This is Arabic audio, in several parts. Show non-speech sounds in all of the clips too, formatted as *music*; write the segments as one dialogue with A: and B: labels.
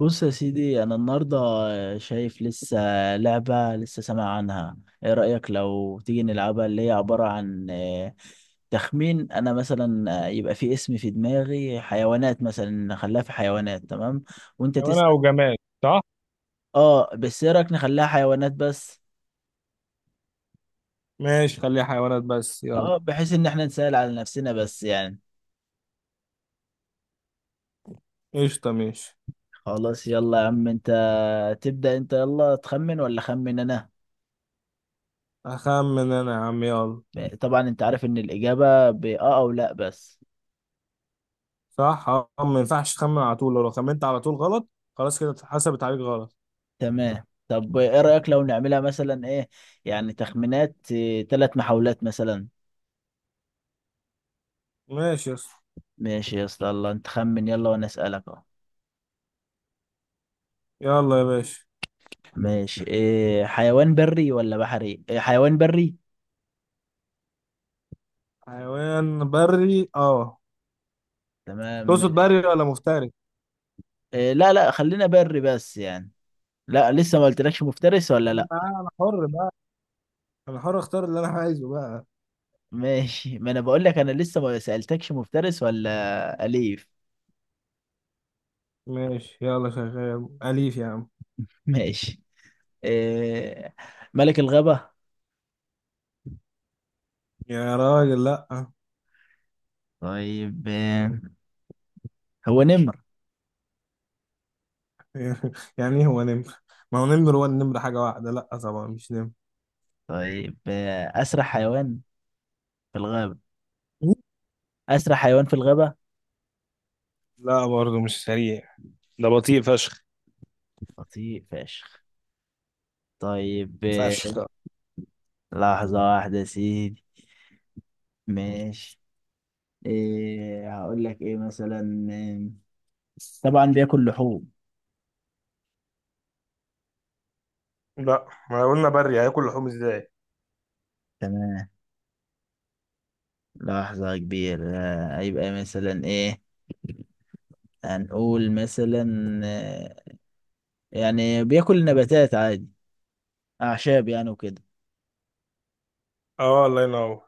A: بص يا سيدي انا النهارده شايف لسه لعبه لسه سامع عنها. ايه رايك لو تيجي نلعبها اللي هي عباره عن تخمين. انا مثلا يبقى في اسم في دماغي، حيوانات مثلا، نخليها في حيوانات، تمام؟ وانت تسال.
B: حيوانة أو جماد صح؟
A: اه بس ايه رايك نخليها حيوانات بس.
B: ماشي، خليها حيوانات بس يلا.
A: اه بحيث ان احنا نسال على نفسنا بس يعني.
B: قشطة ماشي.
A: خلاص يلا يا عم، انت تبدا، انت يلا تخمن ولا خمن انا؟
B: أخمن أنا يا عم يلا.
A: طبعا انت عارف ان الاجابه باه او لا بس.
B: صح؟ أه، ما ينفعش تخمن على طول، لو خمنت على طول غلط خلاص كده اتحسبت عليك غلط.
A: تمام، طب ايه رأيك لو نعملها مثلا ايه، يعني تخمينات، ثلاث محاولات مثلا.
B: ماشي يا اسطى.
A: ماشي يا اسطى، الله، انت خمن يلا وانا اسألك اهو.
B: يلا يا باشا.
A: ماشي، إيه، حيوان بري ولا بحري؟ إيه حيوان بري.
B: حيوان بري أه.
A: تمام.
B: تقصد بري ولا مفترس؟
A: إيه، لا لا خلينا بري بس يعني. لا لسه ما قلتلكش مفترس ولا لا.
B: لا، أنا حر بقى. أنا حر أختار اللي أنا عايزه بقى.
A: ماشي، ما انا بقول لك انا لسه ما سألتكش مفترس ولا أليف.
B: ماشي يلا، شغال أليف يا عم.
A: ماشي. إيه، ملك الغابة.
B: يا راجل لأ.
A: طيب هو نمر؟
B: *laughs* يعني إيه هو نمر؟ ما هو نمر، هو النمر حاجة واحدة، لأ طبعا مش نمر.
A: طيب أسرع حيوان في الغابة. أسرع حيوان في الغابة.
B: لا برضه مش سريع، ده بطيء فشخ.
A: بطيء فشخ. طيب
B: فشخ.
A: لحظة واحدة يا سيدي. ماشي. إيه هقول لك إيه مثلا، طبعا بياكل لحوم.
B: لا، ما قلنا بري، هياكل لحوم ازاي.
A: تمام. لحظة كبيرة، هيبقى مثلا إيه. هنقول مثلا، آه، يعني بياكل نباتات عادي، أعشاب يعني وكده.
B: اه، الله ينور.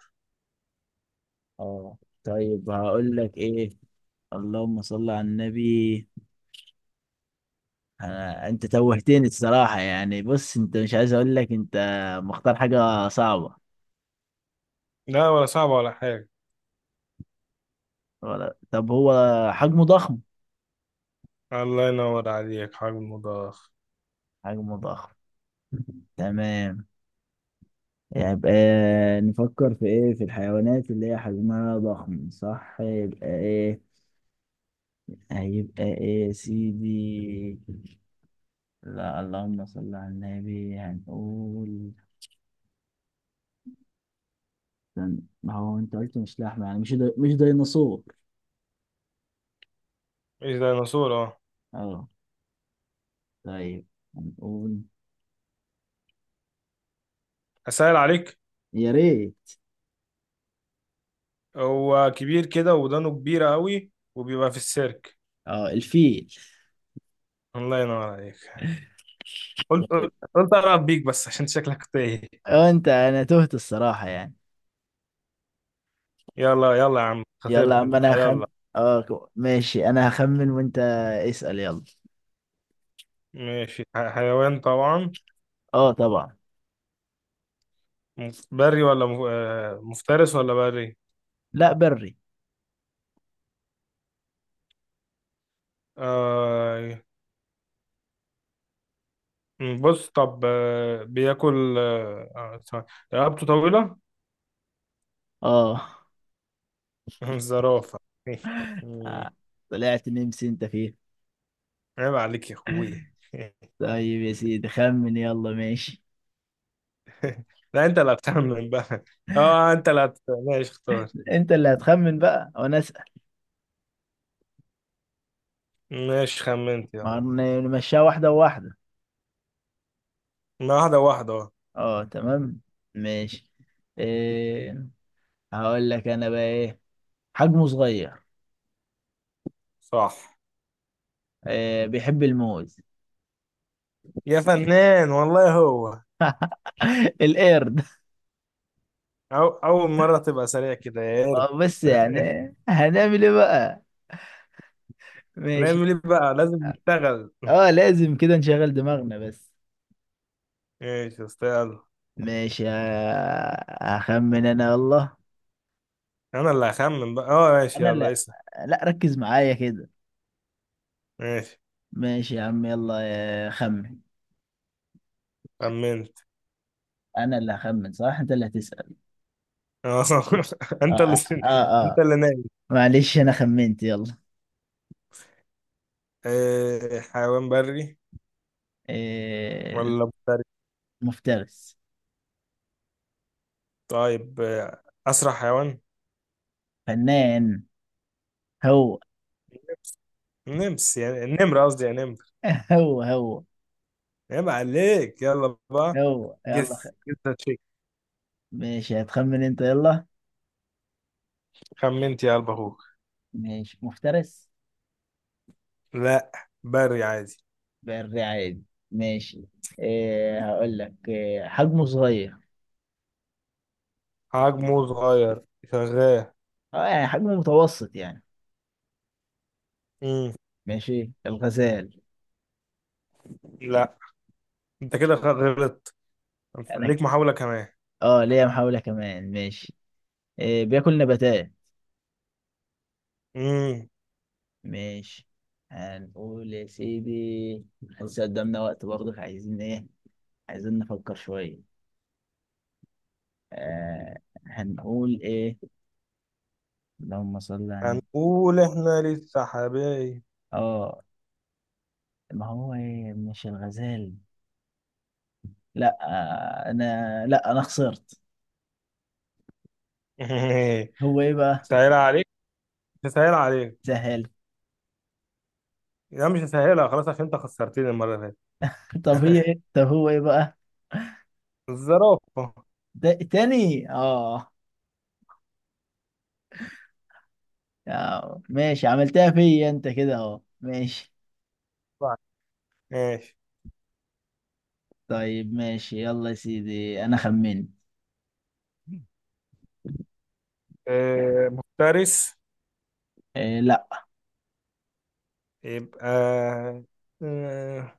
A: اه. طيب هقول لك إيه، اللهم صل على النبي. أنت توهتني الصراحة يعني. بص، أنت مش عايز أقول لك أنت مختار حاجة صعبة.
B: لا، ولا صعب ولا حاجة.
A: ولا طب هو حجمه ضخم.
B: الله ينور عليك، حجم مضخ.
A: حجمه ضخم. تمام. يبقى نفكر في إيه، في الحيوانات اللي هي حجمها ضخم، صح؟ يبقى إيه هيبقى إيه يا سيدي. لا اللهم صل على النبي. هنقول، استنى، ما هو أنت قلت مش لحمة، يعني مش دي مش ديناصور.
B: ايش ديناصور اه.
A: أه. طيب، هنقول،
B: اسهل عليك.
A: يا ريت.
B: هو كبير كده، ودانه كبيرة قوي، وبيبقى في السيرك.
A: اه الفيل.
B: الله ينور عليك. قلت
A: طيب.
B: قلت قلت أقرب بيك بس عشان شكلك تايه.
A: وانت، انا تهت الصراحة يعني.
B: يلا يلا يا عم،
A: يلا،
B: خسرت
A: اما
B: انت
A: انا هخم،
B: يلا.
A: ماشي، انا هخمن وانت اسأل يلا.
B: ماشي، حيوان طبعا.
A: اه طبعا.
B: بري ولا مفترس ولا بري.
A: لا بري.
B: آه. بص طب، بياكل، ثواني. رقبته طويلة.
A: اه.
B: *laughs* زرافة. *laughs*
A: آه، طلعت نمس انت فيه.
B: عيب عليك يا اخويا. *laughs*
A: طيب يا سيدي، خمن يلا، ماشي.
B: لا، انت اللي هتخمن بقى. *laughs* اه، ماشي اختار.
A: انت اللي هتخمن بقى وانا اسأل.
B: ماشي خمنت يلا.
A: ما هن- نمشيها واحدة واحدة.
B: ما واحدة واحدة اه.
A: اه تمام. ماشي. إيه هقول لك انا بقى ايه، حجمه صغير.
B: صح.
A: إيه، بيحب الموز.
B: يا فنان والله هو.
A: *laughs* القرد.
B: أول مرة تبقى سريع كده يا
A: ما
B: قرد.
A: هو بس يعني.
B: *laughs*
A: هنعمل ايه بقى؟ ماشي.
B: نعمل ايه بقى، لازم نشتغل. *laughs*
A: اه لازم كده نشغل دماغنا بس.
B: ماشي يا اسطى يلا.
A: ماشي، هخمن انا والله.
B: انا اللي هخمن بقى، اه ماشي
A: انا
B: يلا
A: لا،
B: اسأل.
A: لا ركز معايا كده.
B: ماشي
A: ماشي يا عم يلا، خمن.
B: خمنت.
A: انا اللي هخمن، صح؟ انت اللي هتسأل.
B: اه. *laughs*
A: اه.
B: انت اللي
A: اه, آه.
B: انت
A: آه.
B: اللي نايم.
A: معلش انا خمنت يلا.
B: حيوان بري
A: آه،
B: ولا مفترس؟
A: مفترس.
B: طيب، اسرع حيوان.
A: فنان. هو
B: نمس. نمس يعني النمر، قصدي يا نمر.
A: هو هو
B: عيب عليك يلا بقى.
A: هو يلا خ…
B: جس جس تشيك.
A: ماشي هتخمن انت يلا.
B: خمنت يا قلب اخوك.
A: ماشي مفترس.
B: لا، بري عادي.
A: بري عادي. ماشي. إيه هقول لك إيه، حجمه صغير.
B: حجمه صغير. شغال.
A: اه يعني حجمه متوسط يعني.
B: امم
A: ماشي، الغزال.
B: لا، انت كده غلطت.
A: انا،
B: ليك محاولة كمان.
A: اه ليا محاولة كمان، ماشي. إيه بياكل نباتات.
B: امم
A: ماشي. هنقول يا سيدي، لسه قدامنا وقت برضه، عايزين ايه، عايزين نفكر شوية. آه هنقول ايه. اللهم صل على.
B: هنقول احنا لسه حبايب.
A: اه ما هو إيه مش الغزال؟ لا آه انا، لا انا خسرت.
B: *laughs*
A: هو ايه بقى؟
B: سهل عليك. سهل عليك.
A: سهل.
B: لا، مش هسهلها خلاص عشان انت خسرتني المرة اللي فاتت.
A: *laughs* طب هي ايه، طب هو ايه بقى؟
B: الزرافة.
A: ده تاني اه. يا، ماشي عملتها فيا انت كده اهو، ماشي.
B: طيب، ماشي.
A: طيب ماشي يلا يا سيدي، انا خمنت.
B: آه، مفترس.
A: إيه لا.
B: يبقى آه،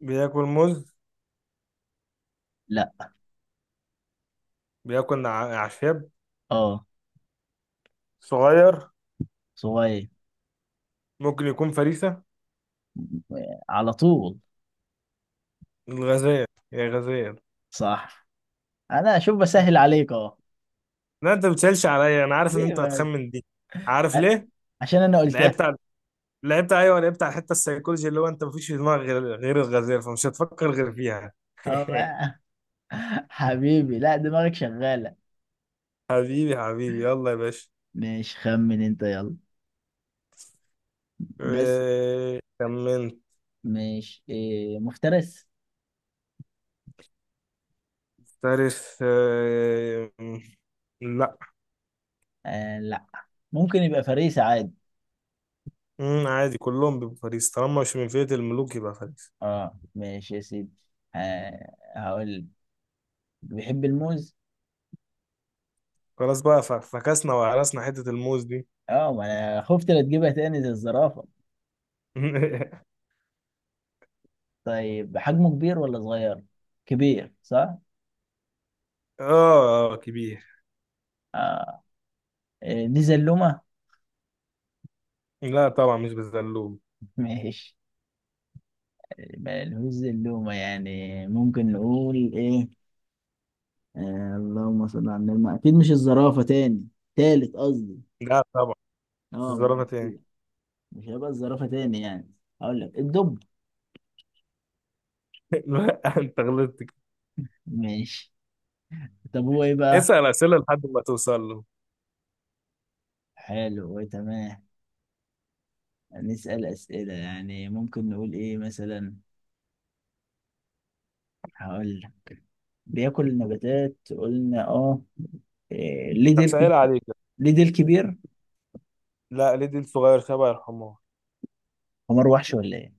B: بياكل موز.
A: لا.
B: بياكل أعشاب.
A: اه.
B: صغير.
A: صغير.
B: ممكن يكون فريسة.
A: على طول.
B: الغزال. يا غزال.
A: صح. انا اشوف بسهل عليك اهو.
B: لا، انت بتسالش عليا، انا عارف ان
A: ليه
B: انت
A: بقى؟
B: هتخمن دي. عارف
A: ع-
B: ليه.
A: عشان انا قلتها.
B: لعبت على لعبت، ايوه لعبت على الحته السيكولوجي اللي هو انت مفيش في دماغك غير الغزال، فمش هتفكر غير فيها.
A: اه
B: *laughs*
A: بقى. *laughs* حبيبي لا، دماغك شغالة.
B: حبيبي يلا يا باشا.
A: ماشي، خمن انت يلا. بس
B: كمنت.
A: ماشي، إيه، مفترس؟
B: تاريخ لا.
A: آه لا. ممكن يبقى فريسة عادي.
B: عادي، كلهم بيبقوا فريسة، طالما مش من فئة الملوك يبقى فريسة.
A: اه ماشي يا سيدي. آه هقول بيحب الموز.
B: خلاص بقى، فكسنا وهرسنا حتة الموز دي.
A: اه ما انا خفت لا تجيبها تاني زي الزرافه.
B: *laughs*
A: طيب حجمه كبير ولا صغير؟ كبير صح؟
B: اه كبير.
A: اه. دي زلومه؟
B: لا طبعا مش بالزلوم.
A: ماشي. ما لهوش زلومه يعني، ممكن نقول ايه. آه اللهم صل على النبي. ما اكيد مش الزرافه تاني، تالت قصدي.
B: لا طبعا مش
A: اه ما أنا
B: الزرافة تاني.
A: بقول. مش هيبقى الزرافه تاني يعني. هقول لك الدب.
B: *laughs* لا، انت غلطت كده.
A: ماشي. طب هو ايه بقى؟
B: اسأل أسئلة لحد ما توصل له.
A: حلو تمام. نسأل أسئلة يعني، ممكن نقول ايه مثلا. هقول لك بياكل نباتات قلنا اه. إيه، ليه ديل
B: هسهل
A: كب-
B: عليك.
A: ليه ديل كبير.
B: لا، ليه دي الصغير شبه الحمار.
A: حمار وحش ولا ايه؟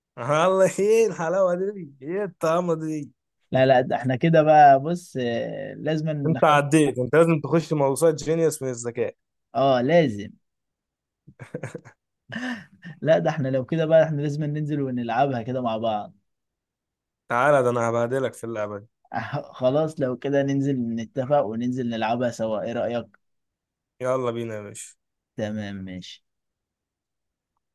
B: *laughs* الله، ايه الحلاوة دي، ايه الطعمة دي.
A: لا لا ده احنا كده بقى، بص لازم
B: انت
A: نخم…
B: عديت، انت لازم تخش موسوعة جينيوس من الذكاء.
A: اه لازم. لا ده احنا لو كده بقى احنا لازم ننزل ونلعبها كده مع بعض.
B: تعالى، ده انا هبهدلك في اللعبة دي.
A: *laughs* خلاص لو كده ننزل نتفق وننزل نلعبها سوا، ايه رأيك؟
B: يلا بينا يا باشا.
A: تمام ماشي.